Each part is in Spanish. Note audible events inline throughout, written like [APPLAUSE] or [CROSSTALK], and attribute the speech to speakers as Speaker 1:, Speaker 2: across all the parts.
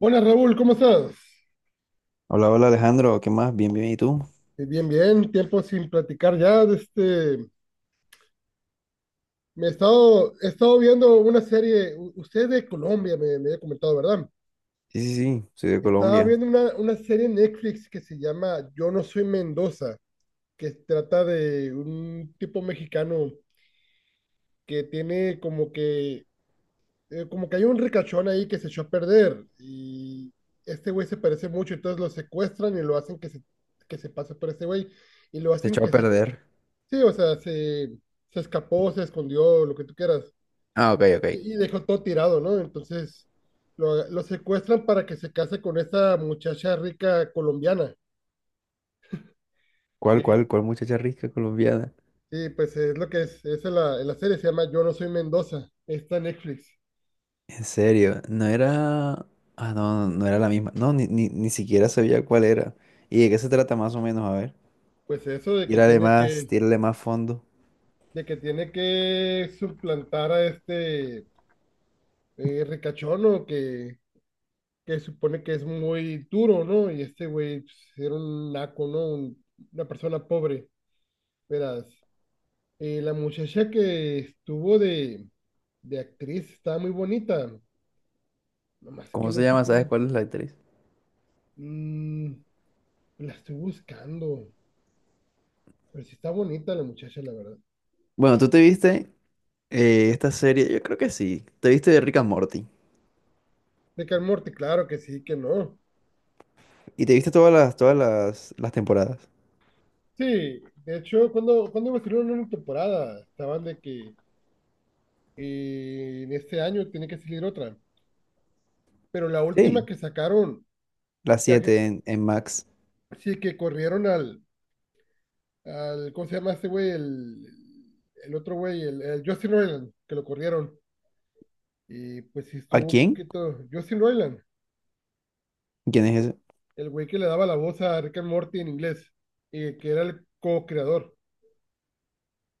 Speaker 1: Hola Raúl, ¿cómo estás?
Speaker 2: Hola, hola Alejandro, ¿qué más? Bien, bien, ¿y tú?
Speaker 1: Bien, bien, tiempo sin platicar ya. de Este, me he estado viendo una serie. Usted es de Colombia, me había comentado, ¿verdad?
Speaker 2: Sí, sí, sí, soy de
Speaker 1: Estaba
Speaker 2: Colombia.
Speaker 1: viendo una serie en Netflix que se llama Yo no soy Mendoza, que trata de un tipo mexicano que tiene como que hay un ricachón ahí que se echó a perder, y este güey se parece mucho. Entonces lo secuestran y lo hacen que se pase por este güey, y lo
Speaker 2: Se
Speaker 1: hacen
Speaker 2: echó a
Speaker 1: que se.
Speaker 2: perder.
Speaker 1: Sí, o sea, se escapó, se escondió, lo que tú quieras,
Speaker 2: Ah, ok, ok.
Speaker 1: y dejó todo tirado, ¿no? Entonces lo secuestran para que se case con esta muchacha rica colombiana.
Speaker 2: ¿Cuál,
Speaker 1: Y,
Speaker 2: cuál, cuál muchacha rica colombiana?
Speaker 1: pues es lo que es en en la serie, se llama Yo no soy Mendoza, está en Netflix.
Speaker 2: En serio, no era... Ah, no, no, no era la misma. No, ni, ni, ni siquiera sabía cuál era. ¿Y de qué se trata más o menos? A ver.
Speaker 1: Pues eso de que tiene que,
Speaker 2: Tírale más fondo.
Speaker 1: suplantar a este ricachono que supone que es muy duro, ¿no? Y este güey pues era un naco, ¿no? Una persona pobre, verás. La muchacha que estuvo de actriz estaba muy bonita, nomás que
Speaker 2: ¿Cómo
Speaker 1: no
Speaker 2: se
Speaker 1: sé
Speaker 2: llama?
Speaker 1: cómo.
Speaker 2: ¿Sabes cuál es la actriz?
Speaker 1: mm, la estoy buscando, pero sí está bonita la muchacha, la verdad.
Speaker 2: Bueno, ¿tú te viste esta serie? Yo creo que sí. Te viste de Rick and Morty.
Speaker 1: De Rick and Morty, claro que sí, que no.
Speaker 2: Y te viste todas las temporadas.
Speaker 1: Sí, de hecho, cuando va a una temporada, estaban de que en este año tiene que salir otra, pero la última
Speaker 2: Sí.
Speaker 1: que sacaron,
Speaker 2: Las
Speaker 1: ya que
Speaker 2: 7 en Max.
Speaker 1: sí que corrieron al, ¿cómo se llama este güey? El otro güey, el Justin Roiland, que lo corrieron. Y pues sí
Speaker 2: ¿A
Speaker 1: estuvo un
Speaker 2: quién?
Speaker 1: poquito. Justin Roiland,
Speaker 2: ¿Quién es ese?
Speaker 1: el güey que le daba la voz a Rick and Morty en inglés, y que era el co-creador.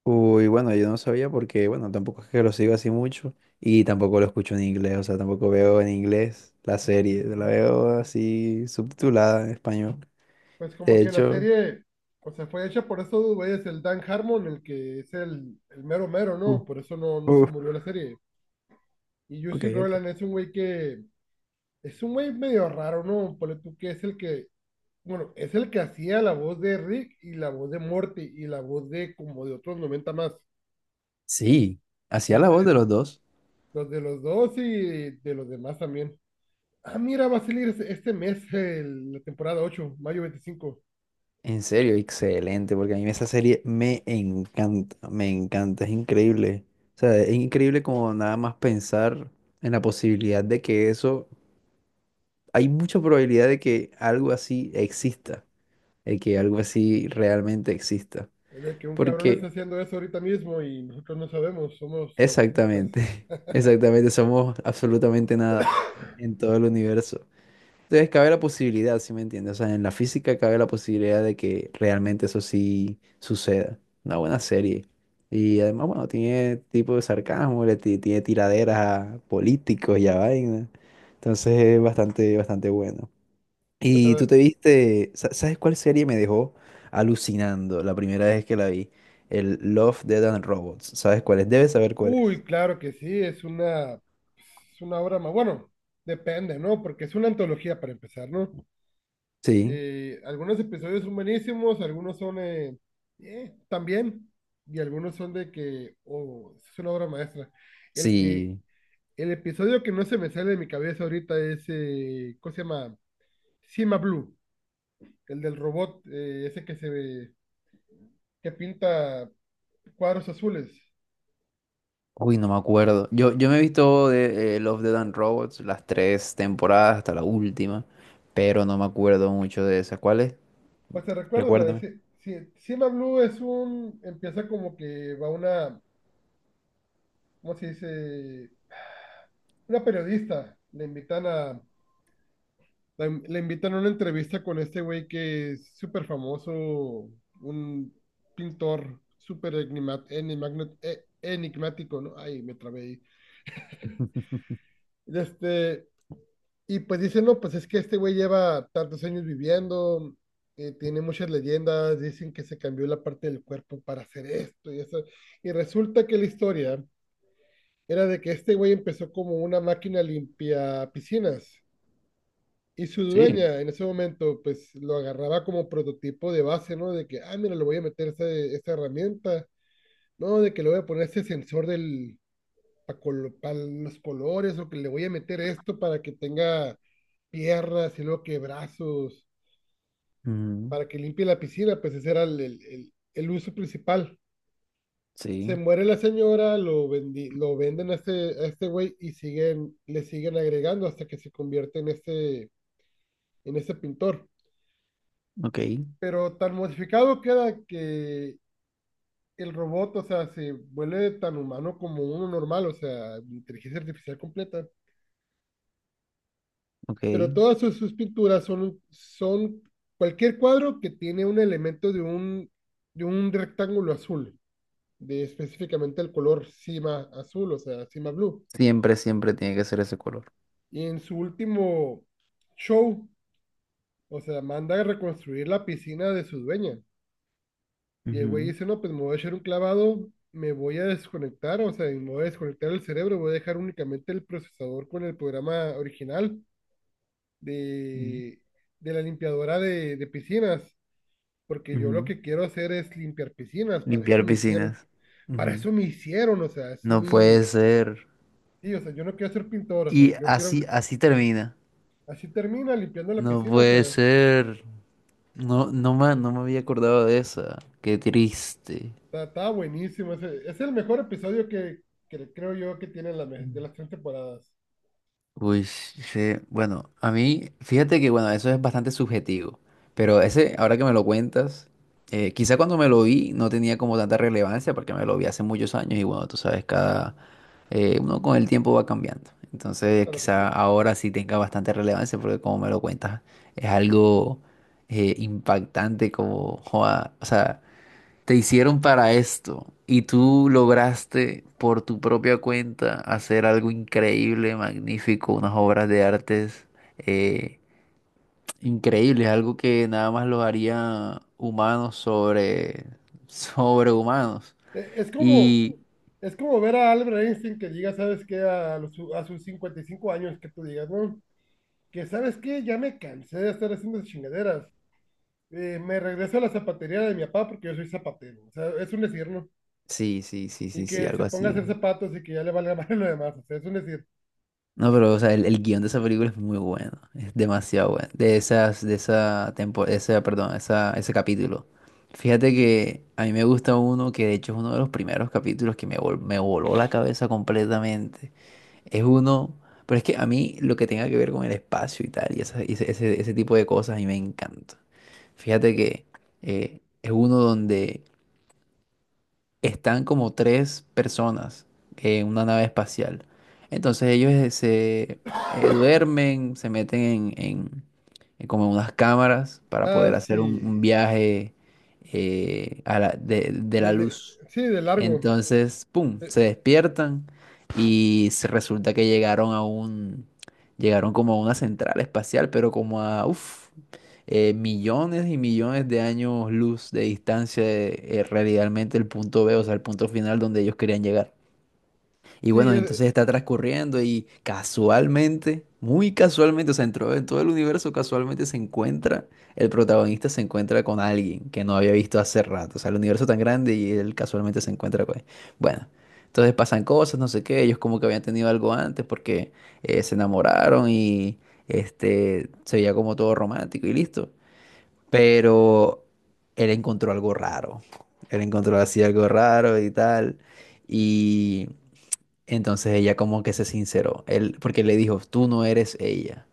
Speaker 2: Uy, bueno, yo no sabía porque, bueno, tampoco es que lo sigo así mucho y tampoco lo escucho en inglés, o sea, tampoco veo en inglés la serie, la veo así subtitulada en español.
Speaker 1: Pues como
Speaker 2: De
Speaker 1: que la
Speaker 2: hecho,
Speaker 1: serie, o sea, fue hecha por esos dos güeyes, el Dan Harmon, el que es el mero mero,
Speaker 2: uh,
Speaker 1: ¿no? Por eso no, no se
Speaker 2: uh,
Speaker 1: murió la serie. Y
Speaker 2: ok,
Speaker 1: Justin Roiland
Speaker 2: ok.
Speaker 1: es un güey medio raro, ¿no? Ponle tú que bueno, es el que hacía la voz de Rick y la voz de Morty y la voz de como de otros 90 más.
Speaker 2: Sí, hacía la voz
Speaker 1: Entonces,
Speaker 2: de los dos.
Speaker 1: los de los dos y de los demás también. Ah, mira, va a salir este mes la temporada 8, mayo 25.
Speaker 2: En serio, excelente, porque a mí esa serie me encanta, es increíble. O sea, es increíble como nada más pensar en la posibilidad de que eso, hay mucha probabilidad de que algo así exista, de que algo así realmente exista.
Speaker 1: De que un cabrón está
Speaker 2: Porque
Speaker 1: haciendo eso ahorita mismo y nosotros no sabemos, somos los extras.
Speaker 2: exactamente, [LAUGHS] exactamente, somos absolutamente nada en todo el universo. Entonces cabe la posibilidad, ¿si me entiendes? O sea, en la física cabe la posibilidad de que realmente eso sí suceda. Una buena serie. Y además, bueno, tiene tipo de sarcasmo, tiene tiraderas a políticos y a vaina. Entonces es bastante, bastante bueno.
Speaker 1: Pues a
Speaker 2: Y tú te
Speaker 1: ver,
Speaker 2: viste, ¿sabes cuál serie me dejó alucinando la primera vez que la vi? El Love, Death and Robots. ¿Sabes cuál es? Debes saber cuál
Speaker 1: uy,
Speaker 2: es.
Speaker 1: claro que sí, es una obra más. Bueno, depende, ¿no? Porque es una antología para empezar, ¿no?
Speaker 2: Sí,
Speaker 1: Algunos episodios son buenísimos, algunos son también, y algunos son de que, oh, es una obra maestra. El que
Speaker 2: sí.
Speaker 1: El episodio que no se me sale de mi cabeza ahorita es, ¿cómo se llama? Cima Blue, el del robot, ese que se ve, que pinta cuadros azules.
Speaker 2: Uy, no me acuerdo. Yo me he visto de Love, Death and Robots las tres temporadas hasta la última, pero no me acuerdo mucho de esa. ¿Cuál es?
Speaker 1: Pues te recuerdo, la de
Speaker 2: Recuérdame.
Speaker 1: Cima Blue empieza como que va una, ¿cómo se dice? Una periodista, le invitan a una entrevista con este güey que es súper famoso, un pintor súper enigmático, ¿no? Ay, me trabé ahí.
Speaker 2: [LAUGHS]
Speaker 1: Este, Y pues dicen, no, pues es que este güey lleva tantos años viviendo, tiene muchas leyendas, dicen que se cambió la parte del cuerpo para hacer esto y eso. Y resulta que la historia era de que este güey empezó como una máquina limpia piscinas, y su
Speaker 2: Sí.
Speaker 1: dueña en ese momento pues lo agarraba como prototipo de base, ¿no? De que, ah, mira, le voy a meter esta herramienta, ¿no? De que le voy a poner este sensor del, para pa los colores, o que le voy a meter esto para que tenga piernas y luego que brazos,
Speaker 2: Ujú,
Speaker 1: para que limpie la piscina. Pues ese era el uso principal.
Speaker 2: sí,
Speaker 1: Se muere la señora. Lo, lo venden a este, güey, y le siguen agregando hasta que se convierte en este pintor.
Speaker 2: ok,
Speaker 1: Pero tan modificado queda que el robot, o sea, se vuelve tan humano como uno normal, o sea, inteligencia artificial completa.
Speaker 2: ok.
Speaker 1: Pero todas sus pinturas son cualquier cuadro que tiene un elemento de un rectángulo azul, de específicamente el color cima azul, o sea, cima blue.
Speaker 2: Siempre, siempre tiene que ser ese color.
Speaker 1: Y en su último show, o sea, manda a reconstruir la piscina de su dueña. Y el güey
Speaker 2: Ujú,
Speaker 1: dice, no, pues me voy a echar un clavado, me voy a desconectar, o sea, me voy a desconectar el cerebro, voy a dejar únicamente el procesador con el programa original
Speaker 2: ujú,
Speaker 1: de, de la limpiadora de piscinas, porque yo lo
Speaker 2: ujú.
Speaker 1: que quiero hacer es limpiar piscinas, para eso
Speaker 2: Limpiar
Speaker 1: me hicieron,
Speaker 2: piscinas. Ujú.
Speaker 1: o sea,
Speaker 2: No puede ser.
Speaker 1: sí, o sea, yo no quiero ser pintor, o sea,
Speaker 2: Y
Speaker 1: yo quiero,
Speaker 2: así, así termina.
Speaker 1: así termina limpiando la
Speaker 2: No
Speaker 1: piscina. O
Speaker 2: puede
Speaker 1: sea,
Speaker 2: ser. No, no me había acordado de esa. Qué triste.
Speaker 1: está buenísimo, es el mejor episodio que creo yo que tiene de las tres temporadas.
Speaker 2: Uy, sí, bueno, a mí, fíjate que bueno, eso es bastante subjetivo, pero ese, ahora que me lo cuentas, quizá cuando me lo vi no tenía como tanta relevancia porque me lo vi hace muchos años y bueno, tú sabes, cada, uno con el tiempo va cambiando, entonces
Speaker 1: Claro que sí.
Speaker 2: quizá ahora sí tenga bastante relevancia porque como me lo cuentas, es algo impactante como, joda, o sea te hicieron para esto y tú lograste por tu propia cuenta hacer algo increíble, magnífico, unas obras de artes eh, increíbles, algo que nada más los haría humanos sobre, [LAUGHS] sobre humanos.
Speaker 1: E- Es, como,
Speaker 2: Y
Speaker 1: es como ver a Albert Einstein que diga, ¿sabes qué? A sus 55 años que tú digas, ¿no? Que, ¿sabes qué? Ya me cansé de estar haciendo esas chingaderas, me regreso a la zapatería de mi papá porque yo soy zapatero. O sea, es un decir, ¿no?
Speaker 2: sí, sí, sí,
Speaker 1: Y
Speaker 2: sí, sí,
Speaker 1: que
Speaker 2: algo
Speaker 1: se ponga a
Speaker 2: así.
Speaker 1: hacer zapatos y que ya le valga [LAUGHS] más lo demás. O sea, es un decir.
Speaker 2: No, pero o sea, el guión de esa película es muy bueno, es demasiado bueno. De esas, de esa tempo, esa, perdón, esa, ese capítulo. Fíjate que a mí me gusta uno que de hecho es uno de los primeros capítulos que me voló la cabeza completamente. Es uno, pero es que a mí lo que tenga que ver con el espacio y tal, y, y ese tipo de cosas a mí me encanta. Fíjate que es uno donde están como tres personas en una nave espacial. Entonces ellos se
Speaker 1: [COUGHS]
Speaker 2: duermen, se meten en como unas cámaras para
Speaker 1: Ah,
Speaker 2: poder hacer un
Speaker 1: sí.
Speaker 2: viaje de la
Speaker 1: De, de-
Speaker 2: luz.
Speaker 1: sí, de largo.
Speaker 2: Entonces, ¡pum!,
Speaker 1: Eh,
Speaker 2: se despiertan y se resulta que llegaron a llegaron como a una central espacial, pero como a, uff millones y millones de años luz de distancia de realmente el punto B, o sea, el punto final donde ellos querían llegar. Y
Speaker 1: Sí,
Speaker 2: bueno, entonces está transcurriendo y casualmente, muy casualmente, o sea, en todo el universo casualmente se encuentra, el protagonista se encuentra con alguien que no había visto hace rato, o sea, el universo tan grande y él casualmente se encuentra con él. Bueno, entonces pasan cosas, no sé qué, ellos como que habían tenido algo antes porque se enamoraron y este, se veía como todo romántico y listo. Pero él encontró algo raro. Él encontró así algo raro y tal. Y entonces ella como que se sinceró. Él, porque le dijo, tú no eres ella.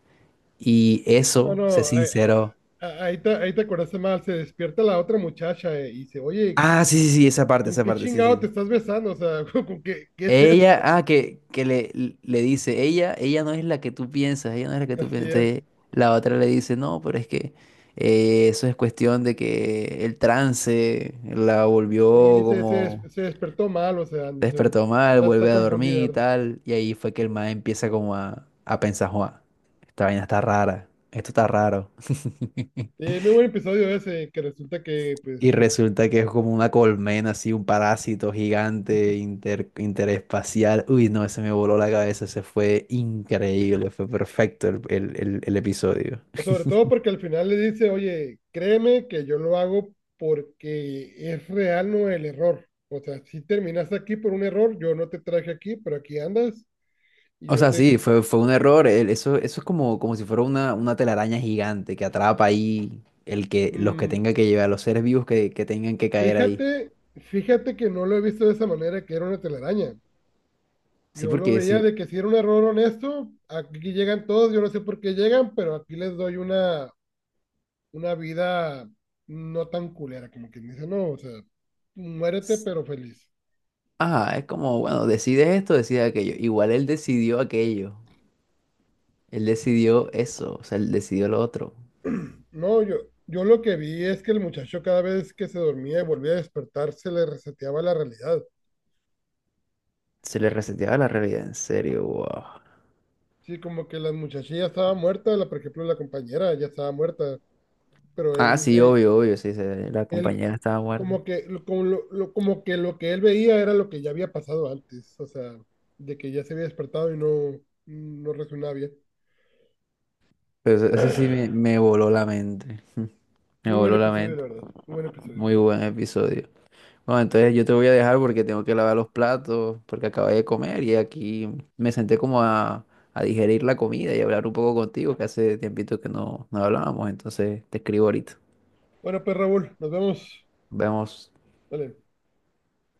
Speaker 2: Y
Speaker 1: no,
Speaker 2: eso se
Speaker 1: no. Ahí,
Speaker 2: sinceró.
Speaker 1: ahí te, ahí te acordaste mal. Se despierta la otra muchacha, y dice, oye,
Speaker 2: Ah, sí, sí, sí,
Speaker 1: ¿con
Speaker 2: esa
Speaker 1: qué
Speaker 2: parte, sí,
Speaker 1: chingado te
Speaker 2: sí.
Speaker 1: estás besando? O sea, [LAUGHS] ¿qué es eso?
Speaker 2: Ella, ah, que le dice, ella no es la que tú piensas, ella no es la que tú
Speaker 1: Así
Speaker 2: piensas. Entonces,
Speaker 1: es.
Speaker 2: la otra le dice, no, pero es que eso es cuestión de que el trance la volvió
Speaker 1: Y se
Speaker 2: como
Speaker 1: se despertó mal, o sea, no sé,
Speaker 2: despertó mal,
Speaker 1: está
Speaker 2: vuelve a
Speaker 1: confundida,
Speaker 2: dormir y
Speaker 1: ¿verdad?
Speaker 2: tal. Y ahí fue que el man empieza a pensar, Juan, esta vaina está rara, esto está raro. [LAUGHS]
Speaker 1: Muy buen episodio ese, que resulta que pues.
Speaker 2: Y resulta que es como una colmena, así, un parásito gigante interespacial. Uy, no, ese me voló la cabeza, ese fue increíble, fue perfecto el episodio.
Speaker 1: Sobre todo porque al final le dice, oye, créeme que yo lo hago porque es real, no el error. O sea, si terminaste aquí por un error, yo no te traje aquí, pero aquí andas y
Speaker 2: O
Speaker 1: yo
Speaker 2: sea,
Speaker 1: te.
Speaker 2: sí, fue, fue un error. Eso, eso es como, como si fuera una telaraña gigante que atrapa ahí el que, los que
Speaker 1: Mm,
Speaker 2: tenga que llevar, los seres vivos que tengan que caer ahí.
Speaker 1: fíjate, fíjate que no lo he visto de esa manera, que era una telaraña.
Speaker 2: Sí,
Speaker 1: Yo lo
Speaker 2: porque
Speaker 1: veía
Speaker 2: si,
Speaker 1: de que si era un error honesto, aquí llegan todos, yo no sé por qué llegan, pero aquí les doy una vida no tan culera, como quien dice, no, o sea, muérete pero feliz.
Speaker 2: ah, es como, bueno, decide esto, decide aquello. Igual él decidió aquello. Él decidió eso, o sea, él decidió lo otro.
Speaker 1: No, yo lo que vi es que el muchacho cada vez que se dormía y volvía a despertar se le reseteaba la realidad.
Speaker 2: Se le reseteaba la realidad, en serio, wow.
Speaker 1: Sí, como que la muchacha ya estaba muerta, la, por ejemplo, la compañera ya estaba muerta, pero
Speaker 2: Ah,
Speaker 1: él
Speaker 2: sí,
Speaker 1: ve,
Speaker 2: obvio, obvio, sí, la
Speaker 1: él
Speaker 2: compañera estaba muerta.
Speaker 1: como que lo- como que lo que él veía era lo que ya había pasado antes, o sea, de que ya se había despertado y no reaccionaba bien.
Speaker 2: Pero ese sí me voló la mente. [LAUGHS] Me
Speaker 1: Muy buen
Speaker 2: voló la
Speaker 1: episodio, la
Speaker 2: mente.
Speaker 1: verdad. Muy buen episodio.
Speaker 2: Muy buen episodio. No, entonces yo te voy a dejar porque tengo que lavar los platos, porque acabé de comer y aquí me senté a digerir la comida y hablar un poco contigo, que hace tiempito que no, no hablábamos, entonces te escribo ahorita.
Speaker 1: Bueno, pues Raúl, nos vemos.
Speaker 2: Vemos.
Speaker 1: Dale.